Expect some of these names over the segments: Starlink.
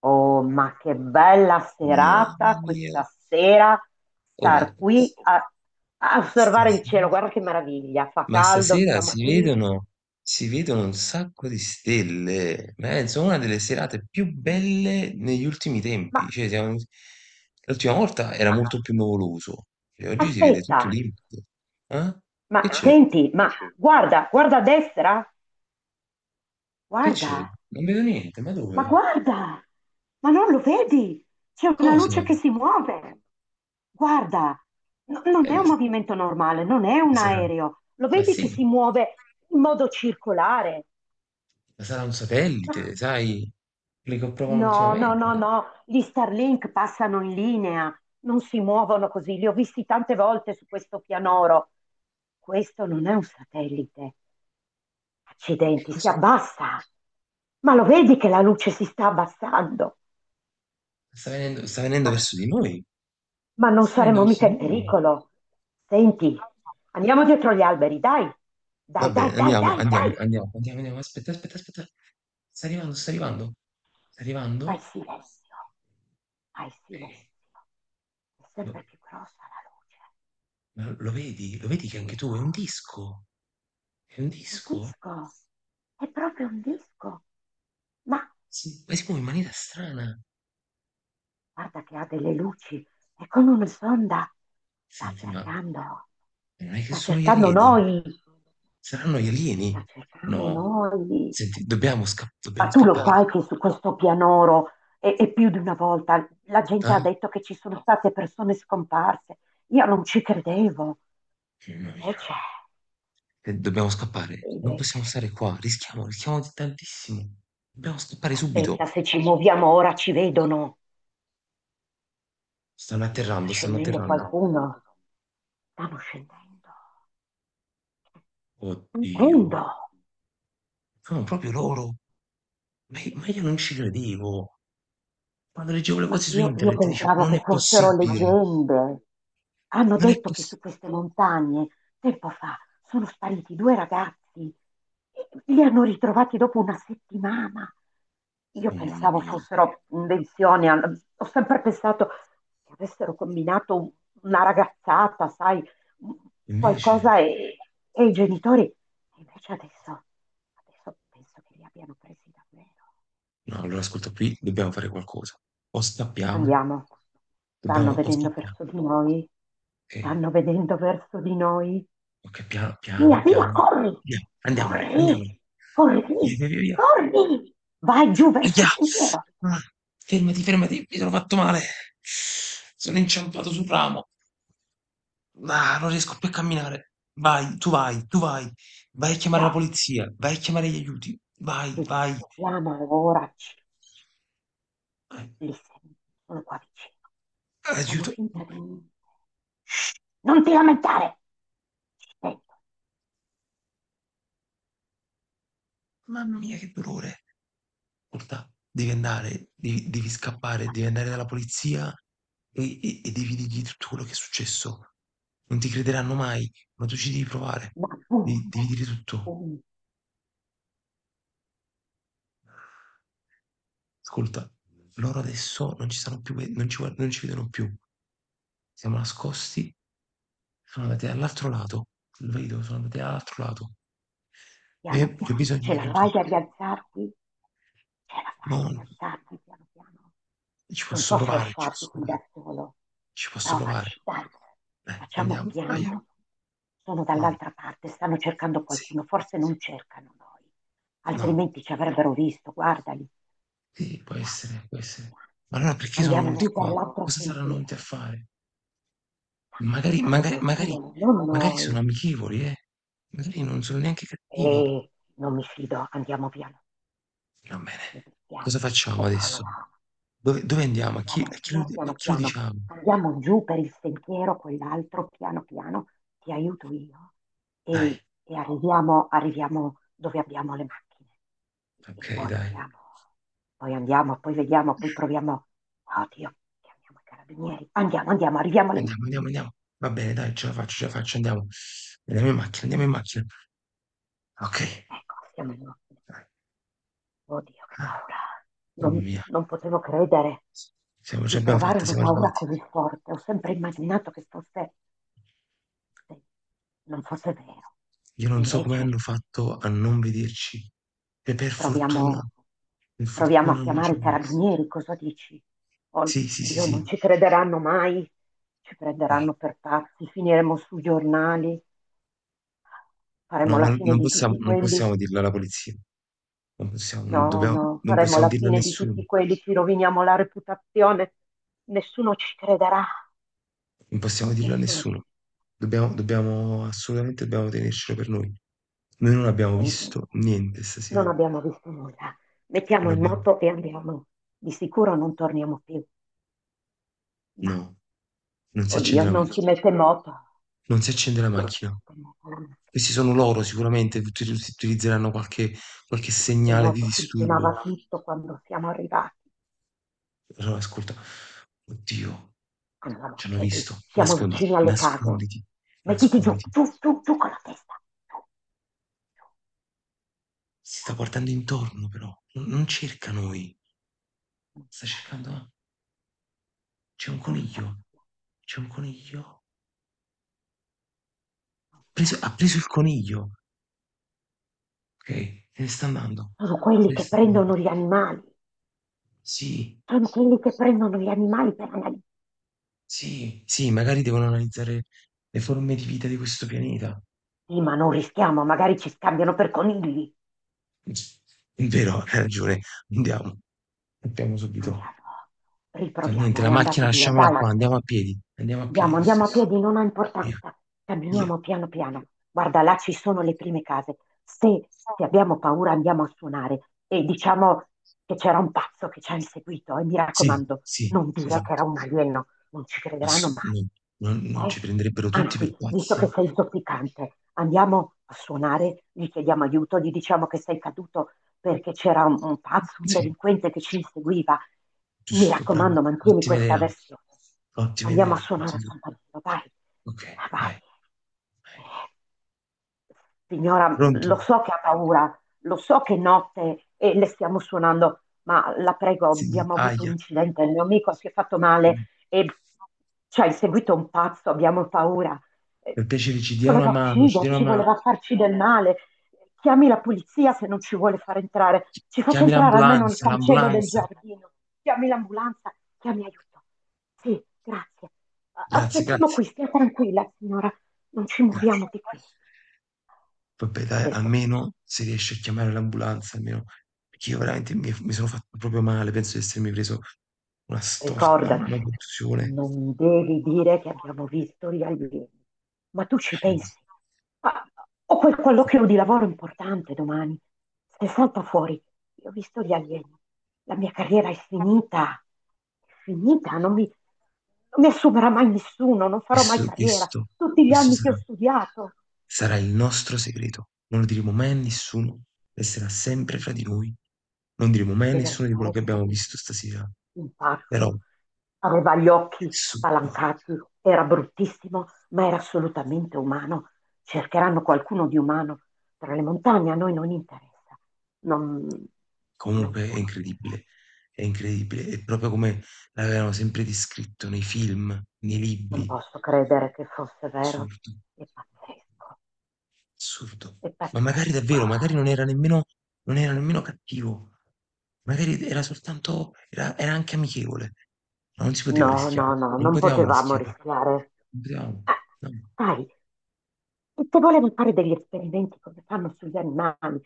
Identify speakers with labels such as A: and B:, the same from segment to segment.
A: Oh, ma che bella
B: Mamma
A: serata
B: mia.
A: questa sera,
B: Oh,
A: star qui a, a osservare il cielo,
B: stasera,
A: guarda che meraviglia, fa
B: ma
A: caldo,
B: stasera
A: siamo qui.
B: si vedono un sacco di stelle. Penso una delle serate più belle negli ultimi
A: Ma,
B: tempi. Cioè, siamo- l'ultima volta era
A: ma
B: molto più nuvoloso. Cioè, oggi si vede
A: aspetta,
B: tutto limpido. Eh?
A: ma
B: Che c'è?
A: senti, ma guarda, guarda a destra,
B: Che c'è?
A: guarda,
B: Non vedo niente. Ma dove?
A: guarda, ma non lo vedi? C'è una
B: Cosa?
A: luce che si muove. Guarda, non è
B: Ma,
A: un movimento normale, non è un
B: sarà,
A: aereo. Lo
B: ma
A: vedi che
B: sì,
A: si muove in modo circolare?
B: ma sarà un satellite, sai? Quelli che provano
A: No, no, no,
B: ultimamente.
A: no, gli Starlink passano in linea, non si muovono così, li ho visti tante volte su questo pianoro. Questo non è un satellite.
B: Che
A: Accidenti, si
B: cos'è?
A: abbassa. Ma lo vedi che la luce si sta abbassando?
B: Sta venendo
A: Ma,
B: verso di noi.
A: ma non
B: Sale
A: saremo
B: dal
A: mica in
B: Signore.
A: pericolo. Senti, andiamo dietro gli alberi, dai.
B: Va
A: Dai,
B: bene,
A: dai, dai,
B: andiamo,
A: dai,
B: andiamo,
A: dai.
B: andiamo, andiamo, andiamo. Aspetta, aspetta, aspetta. Sta arrivando, sta arrivando, sta
A: Fai
B: arrivando.
A: silenzio, fai
B: Eh,
A: silenzio. È
B: Lo,
A: sempre più grossa la luce.
B: ma lo vedi? Lo vedi che anche tu
A: Oddio.
B: è un disco? È un
A: È un
B: disco?
A: disco, è proprio un disco. Ma
B: Si, ma si muove in maniera strana.
A: guarda che ha delle luci, è come una sonda. Sta
B: Senti, ma
A: cercando,
B: non è che
A: sta
B: sono gli
A: cercando
B: alieni?
A: noi,
B: Saranno gli alieni?
A: sta cercando
B: No.
A: noi.
B: Senti, dobbiamo, sca-
A: Ma
B: dobbiamo
A: tu lo
B: scappare.
A: sai che su questo pianoro, e più di una volta, la gente
B: Eh?
A: ha detto che ci sono state persone scomparse. Io non ci credevo.
B: Mamma mia.
A: Invece,
B: Dobbiamo scappare. Non
A: invece,
B: possiamo stare qua. Rischiamo, rischiamo tantissimo. Dobbiamo scappare subito.
A: aspetta, se ci muoviamo ora ci vedono.
B: Stanno
A: Oddio, sta
B: atterrando, stanno
A: scendendo
B: atterrando.
A: qualcuno. Stanno scendendo.
B: Oddio.
A: Scendendo!
B: No, proprio loro. Ma io non ci credevo. Quando leggevo le
A: Ma
B: cose su
A: io
B: internet dicevo,
A: pensavo
B: non è
A: che fossero
B: possibile,
A: leggende. Hanno
B: non è
A: detto che su
B: possibile.
A: queste montagne, tempo fa, sono spariti due ragazzi. Li hanno ritrovati dopo una settimana. Io
B: Oh mamma
A: pensavo
B: mia.
A: fossero invenzioni, ho sempre pensato che avessero combinato una ragazzata, sai, un-
B: Invece,
A: qualcosa e i genitori. E invece adesso, adesso penso che li abbiano presi davvero.
B: no, allora ascolta qui, dobbiamo fare qualcosa. O scappiamo,
A: Andiamo. Stanno
B: dobbiamo, o
A: vedendo
B: scappiamo.
A: verso di noi.
B: Ok,
A: Stanno vedendo verso di noi.
B: ok, piano,
A: Via,
B: piano, piano.
A: via, corri!
B: Via, andiamo, andiamo.
A: Corri!
B: Via,
A: Corri!
B: via, via, via.
A: Corri! Vai giù verso il
B: Via.
A: sentiero.
B: Ah, fermati, fermati, mi sono fatto male. Sono inciampato sul ramo. Ah, non riesco più a camminare. Vai, tu vai, tu vai. Vai a chiamare la
A: No,
B: polizia, vai a chiamare gli aiuti. Vai,
A: ci
B: vai.
A: sentiamo ora.
B: Vai.
A: Li sento, sono qua vicino. Facciamo
B: Aiuto.
A: finta di... Non ti lamentare! Ci sento.
B: Mamma mia, che dolore. Ascolta, devi andare, devi, devi scappare, devi andare dalla polizia e devi dirgli tutto quello che è successo. Non ti crederanno mai, ma tu ci devi provare.
A: No, boom,
B: Devi, devi dire tutto.
A: boom.
B: Ascolta, loro adesso non ci stanno più, ve- non ci, guard- non ci vedono più. Siamo nascosti, sono andati dall'altro lato. Lo vedo, sono andati dall'altro lato.
A: Piano,
B: Io ho
A: piano.
B: bisogno
A: Ce
B: di
A: la
B: aiuto.
A: fai a rialzarti? Ce la fai a
B: No, no,
A: rialzarti piano, piano.
B: ci
A: Non
B: posso
A: posso
B: provare, ci
A: lasciarti
B: posso
A: qui da
B: provare,
A: solo.
B: ci posso provare.
A: Provaci, dai. Facciamo
B: Andiamo, dai.
A: piano. Sono
B: No,
A: dall'altra parte, stanno cercando
B: sì,
A: qualcuno. Forse non cercano noi,
B: no,
A: altrimenti ci avrebbero visto. Guardali.
B: sì, può essere, può essere. Ma allora perché sono
A: Andiamo, andiamo. Andiamo
B: venuti
A: giù per
B: qua?
A: l'altro
B: Cosa saranno venuti
A: sentiero.
B: a fare?
A: Stanno
B: Magari,
A: cercando
B: magari, magari,
A: qualcuno, non
B: magari sono
A: noi.
B: amichevoli, eh? Magari non sono neanche
A: E
B: cattivi.
A: non mi fido, andiamo piano.
B: Va bene,
A: Mi
B: cosa
A: dispiace. Ho
B: facciamo adesso?
A: paura.
B: Dove, dove andiamo?
A: Andiamo via
B: A
A: piano
B: chi lo
A: piano,
B: diciamo?
A: andiamo giù per il sentiero, quell'altro, piano piano, ti aiuto io
B: Dai,
A: e arriviamo, arriviamo dove abbiamo le macchine e
B: ok,
A: poi
B: dai.
A: vediamo, poi andiamo, poi vediamo, poi proviamo. Oddio, chiamiamo i carabinieri, andiamo, andiamo, arriviamo alle
B: Andiamo, andiamo,
A: macchine.
B: andiamo. Va bene, dai, ce la faccio, andiamo. Andiamo in macchina, andiamo in macchina. Ok.
A: Ecco, siamo alle macchine. Oddio, che paura.
B: Mamma mia,
A: Non potevo credere
B: siamo- ce
A: di
B: l'abbiamo
A: provare
B: fatta,
A: una
B: siamo
A: paura
B: arrivati.
A: così forte. Ho sempre immaginato che fosse se non fosse vero.
B: Io
A: E
B: non so come
A: invece
B: hanno fatto a non vederci. E
A: proviamo,
B: per
A: proviamo a
B: fortuna non
A: chiamare
B: ci
A: i
B: abbiamo visto.
A: carabinieri, cosa dici?
B: Sì, sì, sì,
A: Oddio, non
B: sì.
A: ci crederanno mai, ci
B: Eh,
A: prenderanno per pazzi, finiremo sui giornali,
B: no,
A: faremo la
B: ma
A: fine
B: non
A: di
B: possiamo,
A: tutti
B: non
A: quelli.
B: possiamo dirlo alla polizia. Non possiamo, non
A: No,
B: dobbiamo,
A: no,
B: non
A: faremo
B: possiamo
A: la
B: dirlo a
A: fine di
B: nessuno.
A: tutti quelli, ci roviniamo la reputazione. Nessuno ci crederà,
B: Non possiamo dirlo a
A: nessuno ci...
B: nessuno. Dobbiamo, dobbiamo, assolutamente dobbiamo tenercelo per noi. Noi non abbiamo
A: Senti,
B: visto niente
A: non
B: stasera.
A: abbiamo visto nulla. Mettiamo
B: Non
A: in
B: abbiamo.
A: moto e andiamo. Di sicuro non torniamo più. Ma
B: No, non si
A: oddio,
B: accende la
A: non si
B: macchina.
A: mette in moto.
B: Non si accende la
A: Non si
B: macchina.
A: mette in moto la macchina.
B: Questi sono loro sicuramente, uti- utilizzeranno qualche, qualche
A: In
B: segnale di
A: moto
B: disturbo.
A: funzionava tutto quando siamo arrivati.
B: Allora, ascolta, oddio,
A: Andavamo a
B: ci hanno
A: piedi,
B: visto.
A: siamo
B: Nasconditi,
A: vicini alle case.
B: nasconditi,
A: Mettiti giù,
B: nasconditi.
A: giù, giù, giù con la testa. Giù, giù.
B: Si sta guardando intorno però, non, non cerca noi. Sta cercando, ah, c'è un
A: Non cercano, non so
B: coniglio,
A: chi sia,
B: c'è un coniglio.
A: non so.
B: Preso- ha preso il coniglio, ok, se ne sta andando.
A: Sono
B: Se
A: quelli
B: ne
A: che
B: sta andando.
A: prendono gli animali.
B: Sì,
A: Sono quelli che prendono gli animali per analizzare.
B: sì, sì, magari devono analizzare le forme di vita di questo pianeta.
A: Sì, ma non rischiamo, magari ci scambiano per conigli.
B: È vero, hai ragione, andiamo. Partiamo subito.
A: Andiamo,
B: Fa niente,
A: riproviamo,
B: la
A: è
B: macchina
A: andato via,
B: lasciamola
A: dai.
B: qua, andiamo a piedi. Andiamo a piedi
A: Andiamo,
B: lo
A: andiamo a
B: stesso.
A: piedi, non ha
B: Via,
A: importanza.
B: via.
A: Camminiamo piano piano. Guarda, là ci sono le prime case. Se, se abbiamo paura andiamo a suonare e diciamo che c'era un pazzo che ci ha inseguito e mi
B: Sì,
A: raccomando,
B: sì,
A: non dire che
B: esatto.
A: era un alieno, non ci crederanno
B: Ass-
A: mai.
B: no, non
A: Eh,
B: ci prenderebbero tutti per
A: Anzi, visto che
B: pazzi.
A: sei zoppicante, andiamo a suonare, gli chiediamo aiuto, gli diciamo che sei caduto perché c'era un pazzo, un
B: Sì,
A: delinquente che ci inseguiva. Mi
B: giusto, brava.
A: raccomando, mantieni
B: Ottima
A: questa
B: idea,
A: versione.
B: ottima
A: Andiamo
B: idea,
A: a suonare a
B: ottima idea.
A: campanello, vai,
B: Ok,
A: vai.
B: dai, dai.
A: Signora,
B: Pronto?
A: lo so che ha paura, lo so che è notte e le stiamo suonando, ma la prego,
B: Sì,
A: abbiamo avuto un
B: aia.
A: incidente, il mio amico si è fatto male e ci ha inseguito un pazzo, abbiamo paura. Eh,
B: Per piacere, ci dia una
A: Voleva
B: mano, ci dia
A: ucciderci,
B: una mano.
A: voleva farci del male. Chiami la polizia se non ci vuole far entrare.
B: Chi-
A: Ci faccia
B: chiami
A: entrare almeno nel
B: l'ambulanza,
A: cancello del
B: l'ambulanza.
A: giardino. Chiami l'ambulanza, chiami aiuto. Sì, grazie.
B: Grazie,
A: Aspettiamo
B: grazie,
A: qui, stia tranquilla, signora. Non ci
B: grazie.
A: muoviamo di qui.
B: Vabbè dai,
A: Adesso aspettiamo.
B: almeno se riesci a chiamare l'ambulanza, almeno, perché io veramente mi, mi sono fatto proprio male, penso di essermi preso una storta, una
A: Ricordati,
B: contusione.
A: non devi dire che abbiamo visto gli alieni. Ma tu ci pensi? Ah, ho quel colloquio di lavoro importante domani. Se salta fuori, io ho visto gli alieni. La mia carriera è finita. È finita, non mi assumerà mai nessuno, non farò mai
B: Questo,
A: carriera.
B: questo,
A: Tutti gli
B: questo
A: anni che
B: sarà,
A: ho studiato.
B: sarà il nostro segreto. Non lo diremo mai a nessuno, resterà sempre fra di noi. Non diremo mai a nessuno di quello che
A: Deversare
B: abbiamo
A: Trevino.
B: visto stasera.
A: Un
B: Però,
A: pazzo aveva gli occhi
B: subito.
A: spalancati, era bruttissimo, ma era assolutamente umano. Cercheranno qualcuno di umano tra le montagne, a noi non interessa. Non, non
B: Comunque è
A: dobbiamo dirlo.
B: incredibile, è incredibile. È proprio come l'avevano sempre descritto nei film, nei
A: Non
B: libri.
A: posso credere che fosse vero.
B: Assurdo,
A: È pazzesco,
B: assurdo.
A: è
B: Ma magari
A: pazzesco.
B: davvero, magari non era nemmeno, non era nemmeno cattivo. Magari era soltanto, era, era anche amichevole. Ma non si poteva
A: No,
B: rischiare.
A: no, no,
B: Non
A: non
B: potevamo
A: potevamo
B: rischiare.
A: rischiare.
B: Non potevamo.
A: Ah,
B: No.
A: dai, e se volevi fare degli esperimenti come fanno sugli animali,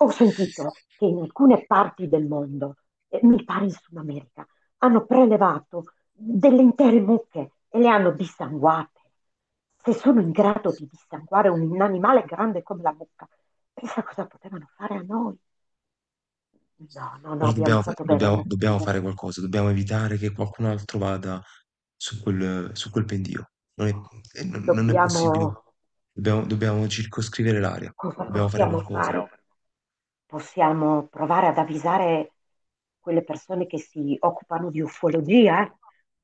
A: ho sentito che in alcune parti del mondo, mi pare in Sud America, hanno prelevato delle intere mucche e le hanno dissanguate. Se sono in grado di dissanguare un animale grande come la mucca, pensa cosa potevano fare a noi. No, no, no,
B: Però
A: abbiamo
B: dobbiamo, fa-
A: fatto bene a
B: dobbiamo- dobbiamo fare
A: nasconderci.
B: qualcosa, dobbiamo evitare che qualcun altro vada su quel pendio. Non è, non- non è possibile.
A: Dobbiamo...
B: Dobbiamo, dobbiamo circoscrivere l'area,
A: Cosa
B: dobbiamo fare
A: possiamo
B: qualcosa.
A: fare? Possiamo provare ad avvisare quelle persone che si occupano di ufologia, eh?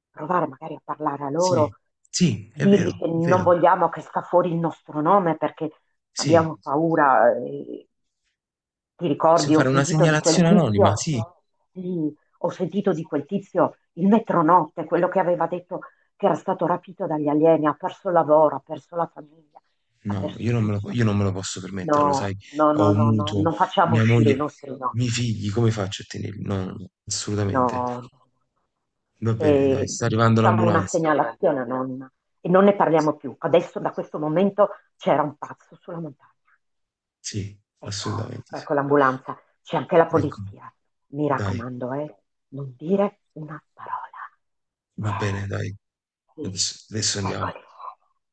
A: Provare magari a parlare a
B: Sì,
A: loro,
B: sì, è
A: dirgli
B: vero,
A: che
B: è
A: non
B: vero.
A: vogliamo che sta fuori il nostro nome perché abbiamo
B: Sì,
A: paura. Eh, ti
B: possiamo
A: ricordi, ho
B: fare una
A: sentito di quel
B: segnalazione anonima,
A: tizio,
B: sì.
A: sì, ho sentito di quel tizio il metronotte, quello che aveva detto che era stato rapito dagli alieni, ha perso il lavoro, ha perso la famiglia, ha
B: No, io
A: perso
B: non me lo,
A: tutto.
B: io non me lo posso permettere, lo
A: No,
B: sai,
A: no,
B: ho
A: no,
B: un
A: no, no,
B: mutuo,
A: non facciamo
B: mia
A: uscire
B: moglie,
A: i
B: i
A: nostri
B: miei
A: nomi,
B: figli, come faccio a tenerli? No, no, no, assolutamente.
A: no,
B: Va bene, dai,
A: e
B: sta arrivando
A: facciamo una
B: l'ambulanza.
A: segnalazione a nonna e non ne parliamo più. Adesso da questo momento c'era un pazzo sulla montagna.
B: Sì,
A: Ecco,
B: assolutamente sì.
A: ecco l'ambulanza, c'è anche la
B: Ecco.
A: polizia. Mi
B: Dai,
A: raccomando, non dire una parola.
B: va bene,
A: Eh,
B: dai,
A: sì,
B: adesso, adesso andiamo.
A: eccoli.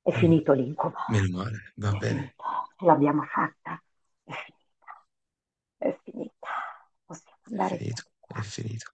A: È
B: Mm.
A: finito l'incubo.
B: Meno male, va
A: È
B: bene,
A: finito. Ce l'abbiamo fatta. È finita. È finita. Possiamo
B: è
A: andare via
B: finito,
A: di
B: è
A: qua.
B: finito.